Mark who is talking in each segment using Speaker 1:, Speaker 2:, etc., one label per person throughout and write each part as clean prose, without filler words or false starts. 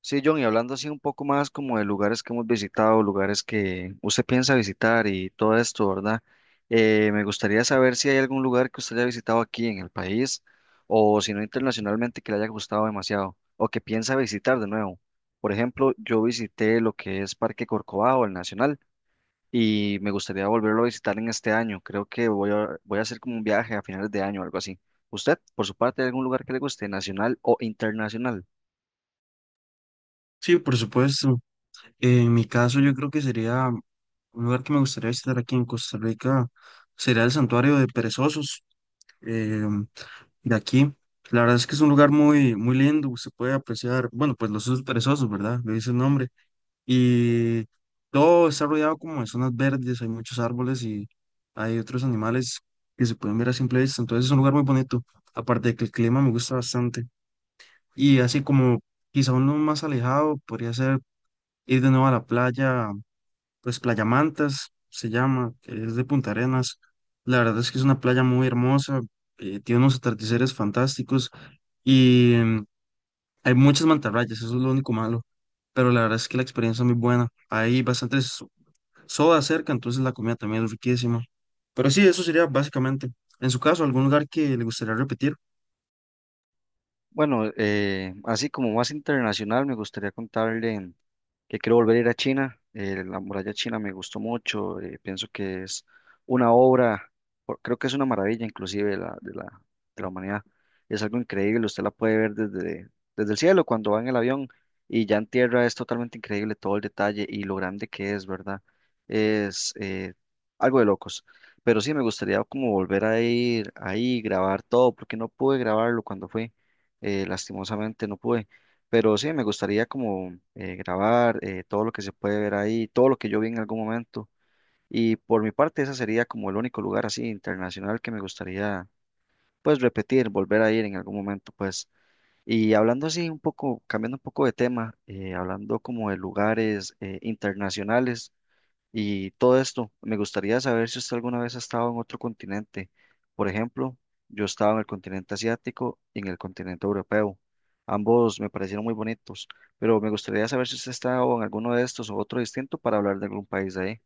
Speaker 1: Sí, John, y hablando así un poco más como de lugares que hemos visitado, lugares que usted piensa visitar y todo esto, ¿verdad? Me gustaría saber si hay algún lugar que usted haya visitado aquí en el país o si no internacionalmente que le haya gustado demasiado o que piensa visitar de nuevo. Por ejemplo, yo visité lo que es Parque Corcovado, el Nacional, y me gustaría volverlo a visitar en este año. Creo que voy a hacer como un viaje a finales de año o algo así. ¿Usted, por su parte, hay algún lugar que le guste, nacional o internacional?
Speaker 2: Sí, por supuesto. En mi caso, yo creo que sería un lugar que me gustaría visitar aquí en Costa Rica, sería el Santuario de Perezosos eh, de aquí. La verdad es que es un lugar muy, muy lindo, se puede apreciar, bueno, pues los osos perezosos, ¿verdad? Le dice el nombre. Y todo está rodeado como de zonas verdes, hay muchos árboles y hay otros animales que se pueden ver a simple vista. Entonces es un lugar muy bonito, aparte de que el clima me gusta bastante. Y así como quizá uno más alejado, podría ser ir de nuevo a la playa, pues Playa Mantas se llama, que es de Punta Arenas. La verdad es que es una playa muy hermosa, tiene unos atardeceres fantásticos y hay muchas mantarrayas, eso es lo único malo, pero la verdad es que la experiencia es muy buena. Hay bastantes sodas cerca, entonces la comida también es riquísima. Pero sí, eso sería básicamente. En su caso, ¿algún lugar que le gustaría repetir?
Speaker 1: Bueno, así como más internacional, me gustaría contarle que quiero volver a ir a China. La muralla china me gustó mucho. Pienso que es una obra, creo que es una maravilla inclusive de la humanidad. Es algo increíble. Usted la puede ver desde el cielo cuando va en el avión y ya en tierra es totalmente increíble todo el detalle y lo grande que es, ¿verdad? Es algo de locos. Pero sí, me gustaría como volver a ir ahí, grabar todo, porque no pude grabarlo cuando fui, lastimosamente no pude, pero sí, me gustaría como grabar todo lo que se puede ver ahí, todo lo que yo vi en algún momento. Y por mi parte, ese sería como el único lugar así internacional que me gustaría pues repetir, volver a ir en algún momento pues. Y hablando así un poco, cambiando un poco de tema, hablando como de lugares internacionales. Y todo esto, me gustaría saber si usted alguna vez ha estado en otro continente. Por ejemplo, yo estaba en el continente asiático y en el continente europeo. Ambos me parecieron muy bonitos, pero me gustaría saber si usted ha estado en alguno de estos o otro distinto para hablar de algún país de ahí.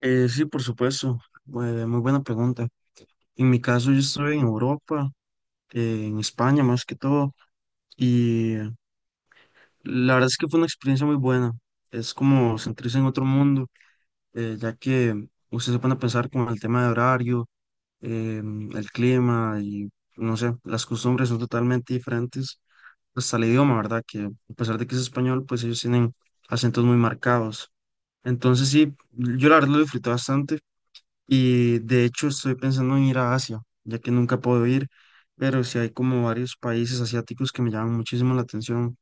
Speaker 2: Sí, por supuesto. Muy buena pregunta. En mi caso, yo estoy en Europa, en España más que todo. Y la verdad es que fue una experiencia muy buena. Es como sentirse en otro mundo, ya que usted se pone a pensar con el tema de horario, el clima y no sé, las costumbres son totalmente diferentes. Hasta el idioma, ¿verdad? Que a pesar de que es español, pues ellos tienen acentos muy marcados. Entonces sí, yo la verdad lo disfruté bastante y de hecho estoy pensando en ir a Asia, ya que nunca puedo ir, pero sí hay como varios países asiáticos que me llaman muchísimo la atención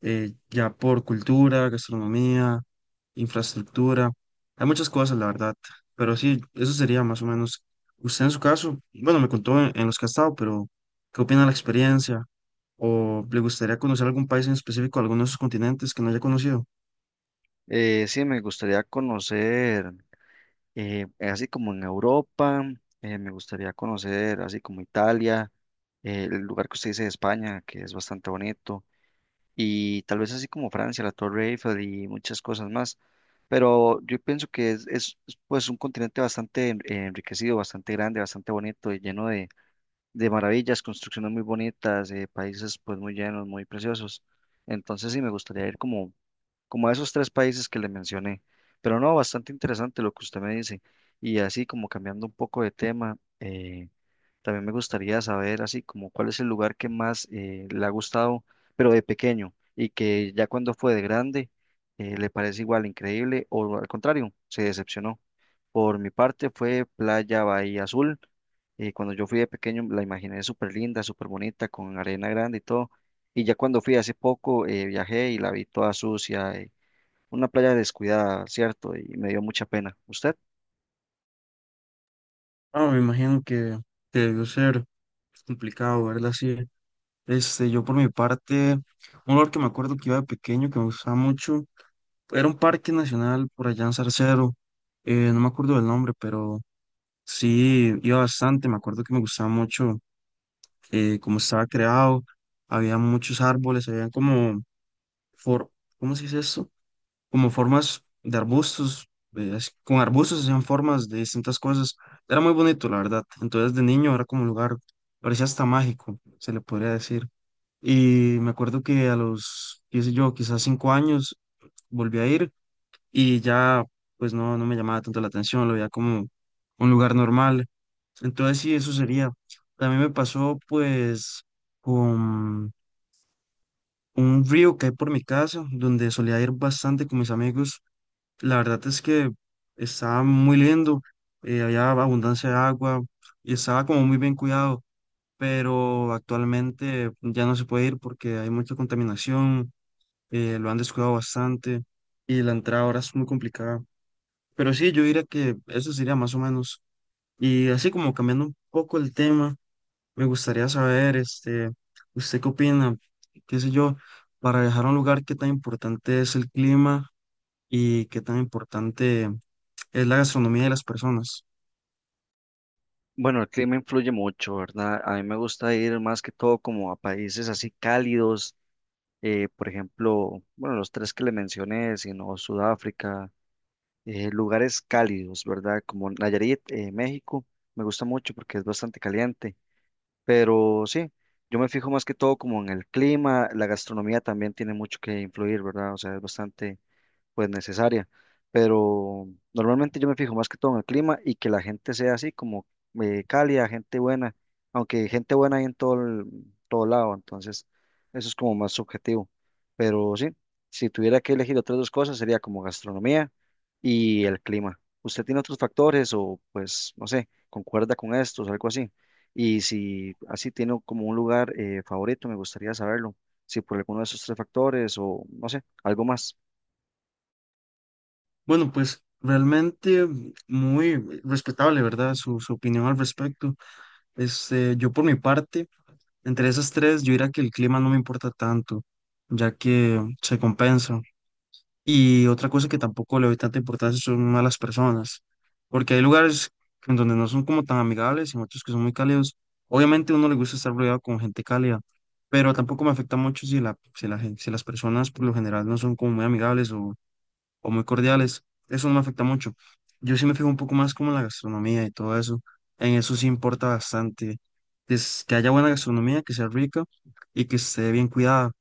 Speaker 2: ya por cultura, gastronomía, infraestructura. Hay muchas cosas, la verdad. Pero sí, eso sería más o menos. Usted en su caso, bueno, me contó en los que ha estado, pero ¿qué opina de la experiencia? ¿O le gustaría conocer algún país en específico, alguno de esos continentes que no haya conocido?
Speaker 1: Sí, me gustaría conocer, así como en Europa, me gustaría conocer, así como Italia, el lugar que usted dice de España, que es bastante bonito. Y tal vez así como Francia, la Torre Eiffel y muchas cosas más. Pero yo pienso que pues un continente bastante enriquecido, bastante grande, bastante bonito y lleno de maravillas, construcciones muy bonitas, países pues muy llenos, muy preciosos. Entonces sí me gustaría ir como a esos tres países que le mencioné. Pero no, bastante interesante lo que usted me dice. Y así como cambiando un poco de tema. Eh, también me gustaría saber así como cuál es el lugar que más le ha gustado, pero de pequeño, y que ya cuando fue de grande le parece igual increíble o al contrario, se decepcionó. Por mi parte fue Playa Bahía Azul. Eh, cuando yo fui de pequeño la imaginé súper linda, súper bonita, con arena grande y todo. Y ya cuando fui hace poco viajé y la vi toda sucia, una playa descuidada, ¿cierto? Y me dio mucha pena. ¿Usted?
Speaker 2: Ah, me imagino que debió ser complicado, ¿verdad? Sí. Este, yo por mi parte, un lugar que me acuerdo que iba de pequeño, que me gustaba mucho. Era un parque nacional por allá en Zarcero, no me acuerdo del nombre, pero sí, iba bastante, me acuerdo que me gustaba mucho cómo estaba creado, había muchos árboles, for, ¿cómo se dice esto? Como formas de arbustos, con arbustos hacían formas de distintas cosas, era muy bonito, la verdad, entonces de niño era como un lugar, parecía hasta mágico, se le podría decir, y me acuerdo que a los, qué sé yo, quizás cinco años volví a ir y ya pues no me llamaba tanto la atención, lo veía como un lugar normal. Entonces sí, eso sería. También me pasó pues con un río que hay por mi casa, donde solía ir bastante con mis amigos. La verdad es que estaba muy lindo, había abundancia de agua y estaba como muy bien cuidado, pero actualmente ya no se puede ir porque hay mucha contaminación, lo han descuidado bastante y la entrada ahora es muy complicada. Pero sí, yo diría que eso sería más o menos. Y así como cambiando un poco el tema, me gustaría saber, este, ¿usted qué opina? ¿Qué sé yo? Para viajar a un lugar, ¿qué tan importante es el clima y qué tan importante es la gastronomía de las personas?
Speaker 1: Bueno, el clima influye mucho, ¿verdad? A mí me gusta ir más que todo como a países así cálidos, por ejemplo, bueno, los tres que le mencioné, sino Sudáfrica, lugares cálidos, ¿verdad? Como Nayarit, México, me gusta mucho porque es bastante caliente, pero sí, yo me fijo más que todo como en el clima, la gastronomía también tiene mucho que influir, ¿verdad? O sea, es bastante pues necesaria. Pero normalmente yo me fijo más que todo en el clima y que la gente sea así como cálida, gente buena, aunque gente buena hay en todo, todo lado, entonces eso es como más subjetivo. Pero sí, si tuviera que elegir otras dos cosas sería como gastronomía y el clima. ¿Usted tiene otros factores o pues no sé, concuerda con estos, algo así? Y si así tiene como un lugar favorito, me gustaría saberlo. Si por alguno de esos tres factores o no sé, algo más.
Speaker 2: Bueno, pues realmente muy respetable, ¿verdad? Su opinión al respecto. Este, yo por mi parte, entre esas tres, yo diría que el clima no me importa tanto, ya que se compensa. Y otra cosa que tampoco le doy tanta importancia son malas personas, porque hay lugares en donde no son como tan amigables y muchos que son muy cálidos. Obviamente a uno le gusta estar rodeado con gente cálida, pero tampoco me afecta mucho si las personas por lo general no son como muy amigables o muy cordiales. Eso no me afecta mucho. Yo sí me fijo un poco más como en la gastronomía y todo eso. En eso sí importa bastante. Es que haya buena gastronomía, que sea rica y que esté bien cuidada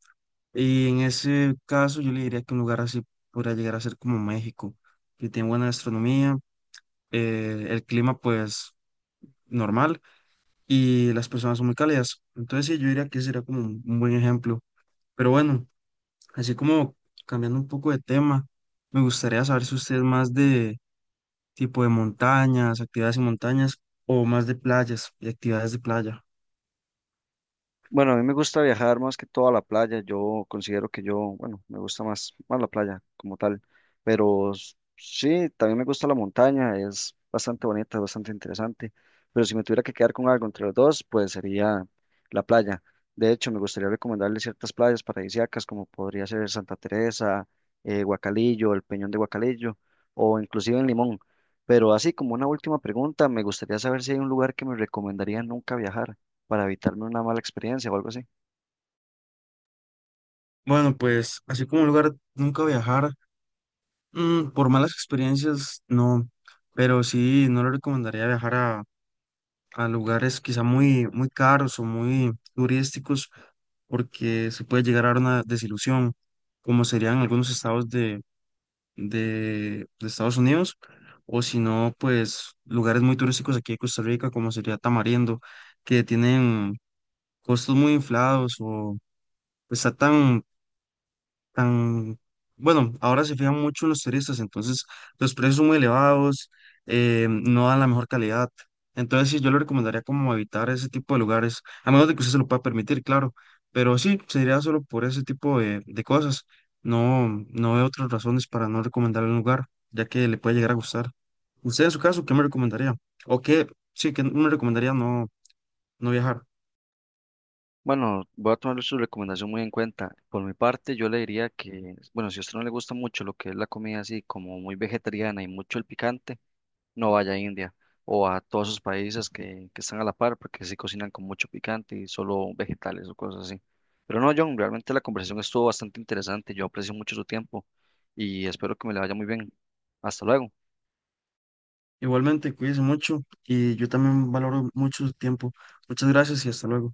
Speaker 2: y en ese caso yo le diría que un lugar así podría llegar a ser como México, que tiene buena gastronomía, el clima pues normal y las personas son muy cálidas. Entonces sí, yo diría que ese sería como un buen ejemplo. Pero bueno, así como cambiando un poco de tema, me gustaría saber si usted es más de tipo de montañas, actividades en montañas o más de playas y actividades de playa.
Speaker 1: Bueno, a mí me gusta viajar más que todo a la playa. Yo considero que yo, bueno, me gusta más la playa como tal. Pero sí, también me gusta la montaña. Es bastante bonita, es bastante interesante. Pero si me tuviera que quedar con algo entre los dos, pues sería la playa. De hecho, me gustaría recomendarle ciertas playas paradisíacas como podría ser Santa Teresa, Guacalillo, el Peñón de Guacalillo o inclusive en Limón. Pero así como una última pregunta, me gustaría saber si hay un lugar que me recomendaría nunca viajar para evitarme una mala experiencia o algo así.
Speaker 2: Bueno, pues así como un lugar nunca viajar. Mm, por malas experiencias, no, pero sí, no le recomendaría viajar a lugares quizá muy, muy caros o muy turísticos porque se puede llegar a dar una desilusión, como serían algunos estados de Estados Unidos, o si no, pues lugares muy turísticos aquí de Costa Rica, como sería Tamarindo, que tienen costos muy inflados o pues, tan, bueno, ahora se fijan mucho en los turistas, entonces los precios son muy elevados, no dan la mejor calidad. Entonces sí, yo le recomendaría como evitar ese tipo de lugares, a menos de que usted se lo pueda permitir, claro, pero sí, sería solo por ese tipo de cosas. No, no veo otras razones para no recomendarle un lugar, ya que le puede llegar a gustar. Usted en su caso, ¿qué me recomendaría? ¿O qué, sí, que me recomendaría no viajar?
Speaker 1: Bueno, voy a tomar su recomendación muy en cuenta. Por mi parte, yo le diría que, bueno, si a usted no le gusta mucho lo que es la comida así como muy vegetariana y mucho el picante, no vaya a India o a todos esos países que están a la par porque sí cocinan con mucho picante y solo vegetales o cosas así. Pero no, John, realmente la conversación estuvo bastante interesante. Yo aprecio mucho su tiempo y espero que me le vaya muy bien. Hasta luego.
Speaker 2: Igualmente, cuídese mucho y yo también valoro mucho su tiempo. Muchas gracias y hasta luego.